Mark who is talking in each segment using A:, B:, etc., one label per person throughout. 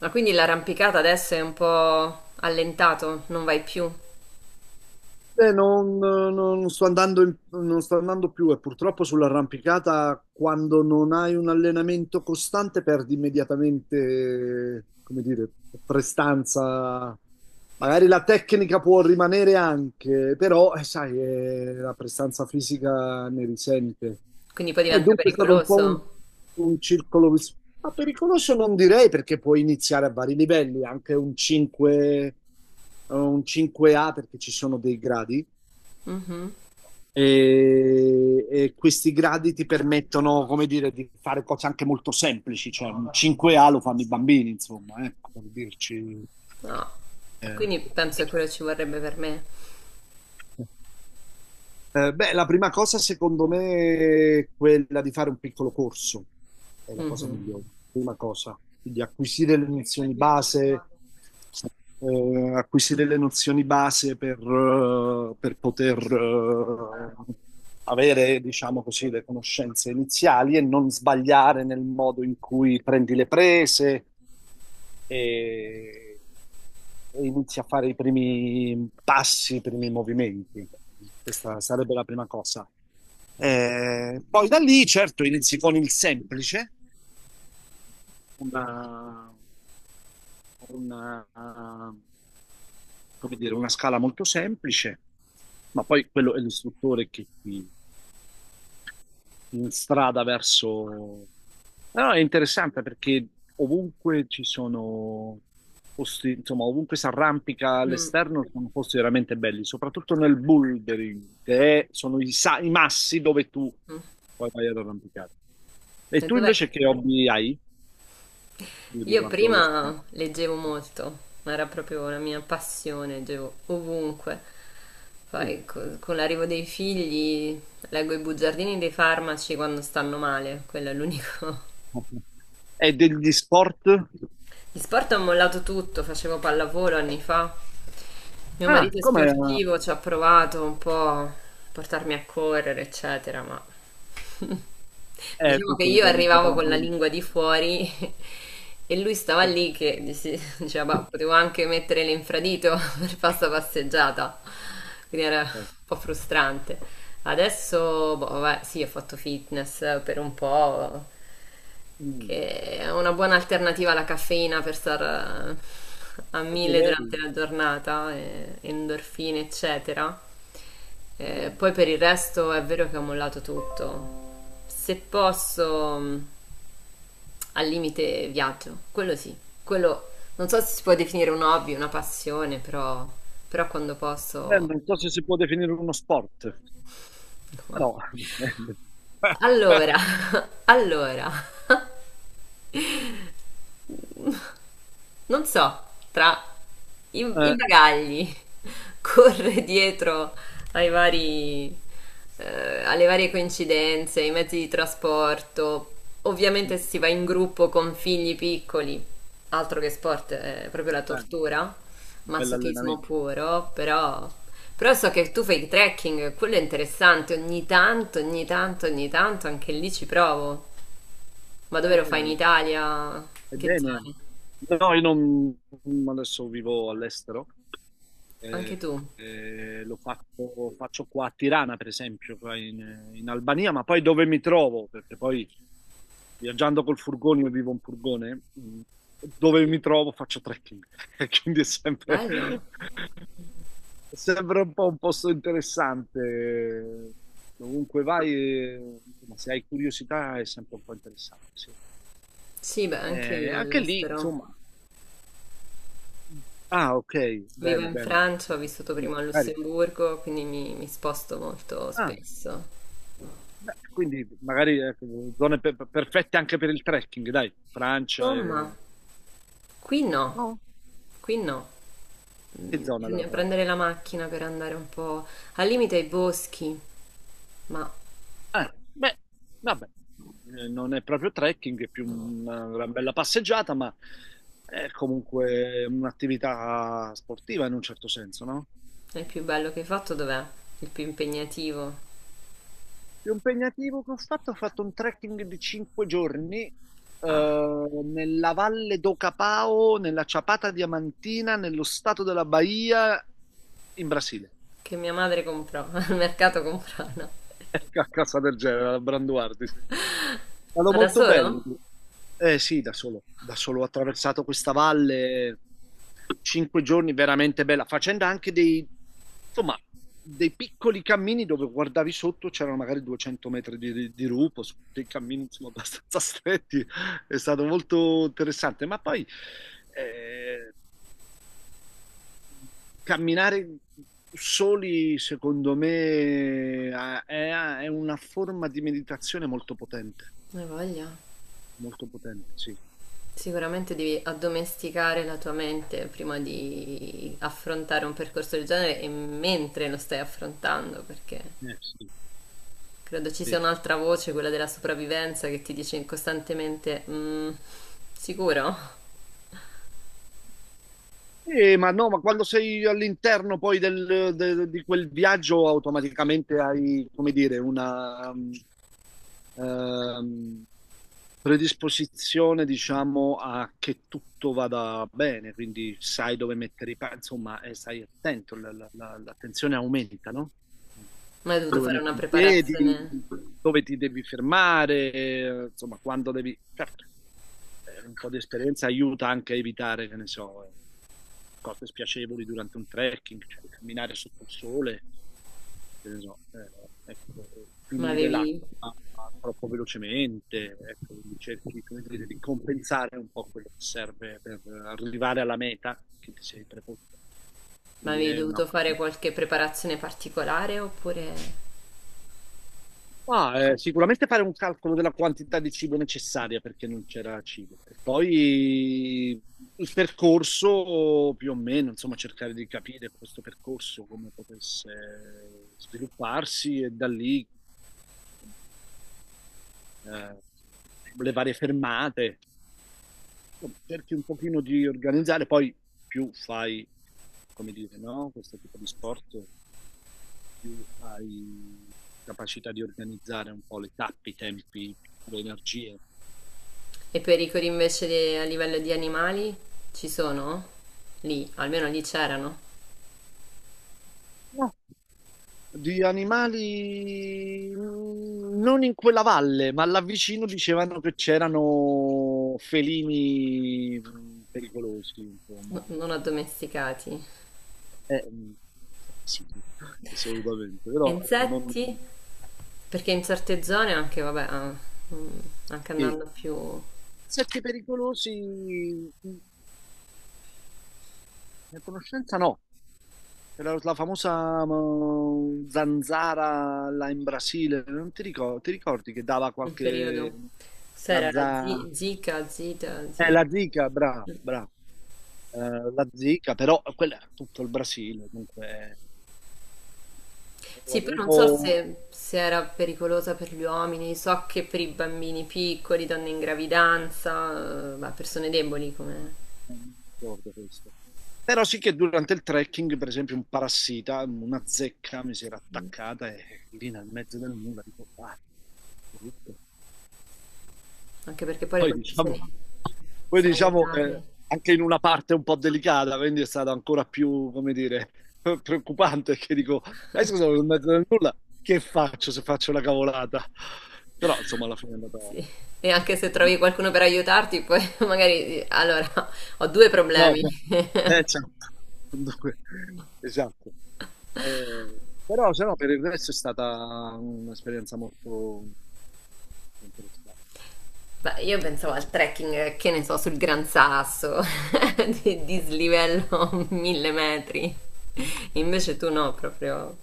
A: Ma quindi l'arrampicata adesso è un po' allentato, non vai più,
B: Non sto andando non sto andando più, e purtroppo sull'arrampicata, quando non hai un allenamento costante, perdi immediatamente, come dire, prestanza. Magari la tecnica può rimanere anche, però sai, la prestanza fisica ne risente.
A: quindi poi
B: E
A: diventa
B: dunque è stato un po' un,
A: pericoloso.
B: un circolo, ma pericoloso non direi, perché puoi iniziare a vari livelli, anche un 5, un 5A, perché ci sono dei gradi,
A: Mhm.
B: e questi gradi ti permettono, come dire, di fare cose anche molto semplici, cioè un 5A lo fanno i bambini, insomma, ecco, per dirci.
A: No.
B: eh.
A: Quindi penso che quello ci vorrebbe per me.
B: Beh, la prima cosa secondo me è quella di fare un piccolo corso, è la cosa
A: Mhm.
B: migliore, prima cosa, quindi acquisire le nozioni base, acquisire le nozioni base per poter avere, diciamo così, le conoscenze iniziali e non sbagliare nel modo in cui prendi le prese, e e inizi a fare i primi passi, i primi movimenti. Questa sarebbe la prima cosa. Poi da lì, certo, inizi con il semplice, una, una, come dire, una scala molto semplice, ma poi quello è l'istruttore che ti in strada verso... No, è interessante, perché ovunque ci sono posti, insomma, ovunque si arrampica
A: Mm,
B: all'esterno sono posti veramente belli, soprattutto nel bouldering, sono i massi dove tu
A: mm.
B: poi vai ad arrampicare. E
A: E
B: tu
A: dov'è?
B: invece che hobby hai
A: Io
B: riguardo allo sport?
A: prima leggevo molto, era proprio la mia passione, leggevo ovunque.
B: Sì.
A: Poi con l'arrivo dei figli leggo i bugiardini dei farmaci quando stanno male, quello è l'unico.
B: E degli sport?
A: Gli sport ho mollato tutto, facevo pallavolo anni fa. Mio
B: Ah,
A: marito è
B: come
A: sportivo, ci ha provato un po' a portarmi a correre, eccetera, ma
B: è
A: diciamo che
B: tutto,
A: io
B: dipende un po'
A: arrivavo con la
B: mia vita.
A: lingua di fuori e lui stava lì che diceva, "Bah, potevo anche mettere l'infradito per fare sta passeggiata." Quindi era un po' frustrante. Adesso, boh, vabbè, sì, ho fatto fitness per un po',
B: Mm.
A: che è una buona alternativa alla caffeina per stare a
B: E
A: mille
B: direi
A: durante la giornata, endorfine, eccetera.
B: sì.
A: Poi per il resto è vero che ho mollato tutto. Se posso, al limite viaggio, quello sì, quello non so se si può definire un hobby, una passione, però, però quando
B: Beh,
A: posso...
B: non so se si può definire uno sport,
A: No.
B: però
A: Allora, allora. Non so, tra i
B: eh,
A: bagagli, corre dietro ai vari, alle varie coincidenze, ai mezzi di trasporto. Ovviamente se si va in gruppo con figli piccoli, altro che sport, è proprio la
B: eh,
A: tortura,
B: bello
A: masochismo
B: allenamento.
A: puro, però, però so che tu fai trekking, quello è interessante, ogni tanto, ogni tanto, ogni tanto, anche lì ci provo. Ma dove
B: Eh,
A: lo fai in
B: eh,
A: Italia? In che
B: Ebbene,
A: zone?
B: no, io non adesso vivo all'estero,
A: Anche
B: eh,
A: tu?
B: lo faccio, faccio qua a Tirana, per esempio, qua in Albania, ma poi dove mi trovo? Perché poi, viaggiando col furgone, io vivo un furgone, dove mi trovo faccio trekking, quindi è sempre,
A: Bello.
B: è sempre un po' un posto interessante. Dovunque vai, insomma, se hai curiosità è sempre un po' interessante, sì.
A: Sì, beh, anche io vivo
B: Anche lì,
A: all'estero.
B: insomma. Ah, ok,
A: Vivo
B: bene,
A: in
B: bene.
A: Francia, ho vissuto prima
B: Quindi,
A: a
B: magari,
A: Lussemburgo, quindi mi sposto molto
B: ah,
A: spesso.
B: beh, quindi magari, ecco, zone perfette anche per il trekking, dai. Francia
A: Insomma,
B: e...
A: qui no,
B: No?
A: qui no.
B: Che
A: Mm,
B: zona della
A: bisogna
B: Francia?
A: prendere la macchina per andare un po' al limite ai boschi, ma
B: Ah, beh, vabbè. Non è proprio trekking, è più
A: no.
B: una bella passeggiata, ma è comunque un'attività sportiva in un certo senso, no?
A: È il più bello che hai fatto dov'è? Il più impegnativo?
B: Più impegnativo che ho fatto un trekking di 5 giorni,
A: Ah,
B: nella Valle d'Ocapao, nella Chapada Diamantina, nello stato della Bahia, in Brasile.
A: che mia madre comprò, al mercato comprano.
B: Qualcosa del genere, alla Branduardi. È stato
A: Ma da
B: molto
A: solo?
B: bello. Eh sì, da solo ho attraversato questa valle, 5 giorni veramente bella, facendo anche dei, insomma, dei piccoli cammini dove guardavi sotto c'erano magari 200 metri di, rupo, su dei cammini, insomma, abbastanza stretti. È stato molto interessante, ma poi... eh, camminare soli, secondo me, è una forma di meditazione
A: Non voglia.
B: molto potente, sì.
A: Sicuramente devi addomesticare la tua mente prima di affrontare un percorso del genere e mentre lo stai affrontando, perché
B: Sì,
A: credo ci sia
B: sì.
A: un'altra voce, quella della sopravvivenza, che ti dice costantemente, "Mm, sicuro?"
B: Ma no, ma quando sei all'interno poi di quel viaggio, automaticamente hai, come dire, una, ehm, predisposizione, diciamo, a che tutto vada bene, quindi sai dove mettere i piedi, insomma, e stai attento, l'attenzione aumenta, no?
A: Ma hai dovuto
B: Dove
A: fare una
B: metti i piedi,
A: preparazione?
B: dove ti devi fermare, insomma, quando devi... Certo, un po' di esperienza aiuta anche a evitare, che ne so, cose spiacevoli durante un trekking, cioè camminare sotto il sole, che ne so, ecco,
A: Ma
B: finire
A: avevi,
B: l'acqua troppo velocemente, ecco, quindi cerchi, come dire, di compensare un po' quello che serve per arrivare alla meta che ti sei preposto.
A: ma
B: Quindi
A: avevi
B: è una...
A: dovuto fare qualche preparazione particolare oppure...
B: Ah, sicuramente fare un calcolo della quantità di cibo necessaria, perché non c'era cibo. E poi il percorso più o meno, insomma, cercare di capire questo percorso, come potesse svilupparsi, e da lì eh, le varie fermate, insomma, cerchi un pochino di organizzare. Poi più fai, come dire, no? Questo tipo di sport, più hai capacità di organizzare un po' le tappe, i tempi, le energie.
A: E pericoli invece a livello di animali ci sono? Lì, almeno lì c'erano,
B: No. Di animali non in quella valle, ma là vicino dicevano che c'erano felini pericolosi, insomma.
A: non addomesticati.
B: Eh, mm, sì, assolutamente,
A: E
B: però ecco, non,
A: insetti? Perché in certe zone anche, vabbè, ah, mm, anche
B: sì.
A: andando più in
B: Sette pericolosi, la conoscenza no, era la famosa zanzara là in Brasile, non ti ricordi, ti ricordi che dava
A: un periodo,
B: qualche...
A: se
B: La,
A: era la
B: za...
A: zika, zita,
B: la zika, brava, brava. Eh, la zika, però quella era tutto il Brasile, comunque ho
A: Sì, poi non so
B: avuto...
A: se, se era pericolosa per gli uomini, so che per i bambini piccoli, donne in gravidanza, ma persone deboli, come...
B: non ricordo questo. Però sì che durante il trekking, per esempio, un parassita, una zecca mi si era attaccata, e lì nel mezzo del nulla, dico, ah, brutto.
A: anche perché poi le
B: Poi diciamo,
A: condizioni
B: poi diciamo,
A: sanitarie,
B: anche in una parte un po' delicata, quindi è stato ancora più, come dire, preoccupante, che dico, scusa, sono in mezzo nel nulla, che faccio se faccio una cavolata? Però insomma alla fine è andata...
A: sì. E anche se trovi qualcuno per aiutarti, poi magari... Allora, ho due
B: No,
A: problemi.
B: beh, certo. Dunque, esatto. Eh, Però se no, per il resto è stata un'esperienza molto interessante.
A: Beh, io pensavo al trekking, che ne so, sul Gran Sasso, di dislivello 1000 metri. Invece tu no, proprio.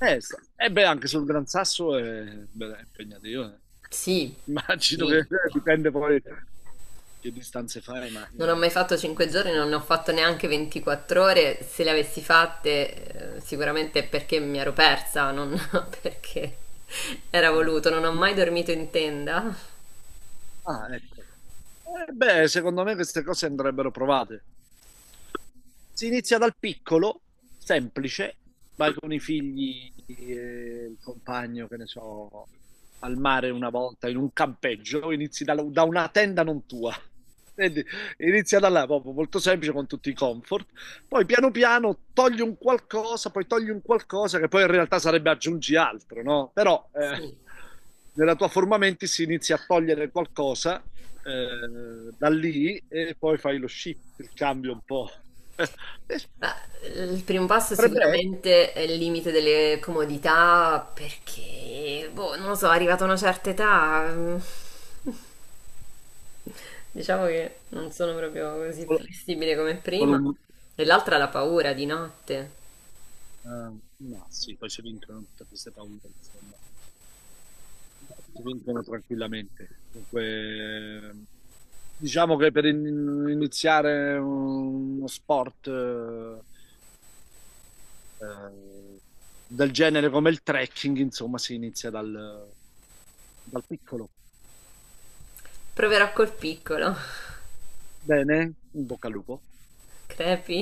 B: Beh, anche sul Gran Sasso è, beh, è impegnativo.
A: Sì,
B: Immagino che
A: sì.
B: dipende poi che distanze fai, ma
A: Non ho mai fatto
B: è
A: 5 giorni,
B: abbastanza...
A: non ne ho fatto neanche 24 ore. Se le avessi fatte, sicuramente è perché mi ero persa, non perché era voluto. Non ho
B: eh,
A: mai dormito in tenda.
B: ah, ecco. Beh, secondo me queste cose andrebbero provate. Si inizia dal piccolo, semplice, vai con i figli e il compagno, che ne so, al mare una volta, in un campeggio, inizi da una tenda non tua. Vedi? Inizia da là, proprio molto semplice, con tutti i comfort. Poi piano piano togli un qualcosa, poi togli un qualcosa, che poi in realtà sarebbe aggiungi altro, no? Però
A: Sì.
B: nella tua forma menti si inizia a togliere qualcosa da lì, e poi fai lo shift, il cambio un po'. Eh,
A: Beh, il primo passo
B: Potrebbe essere
A: sicuramente è il limite delle comodità perché, boh, non lo so, arrivata a una certa età, mm, diciamo che non sono proprio così
B: solo
A: flessibile come prima.
B: solo
A: E l'altra è la paura di notte.
B: un... ma sì, poi si vincono tutte queste paure, insomma. Si vincono tranquillamente. Dunque, diciamo che per iniziare uno sport eh, del genere, come il trekking, insomma, si inizia dal piccolo.
A: Proverò col piccolo.
B: Bene, in bocca al lupo.
A: Crepi.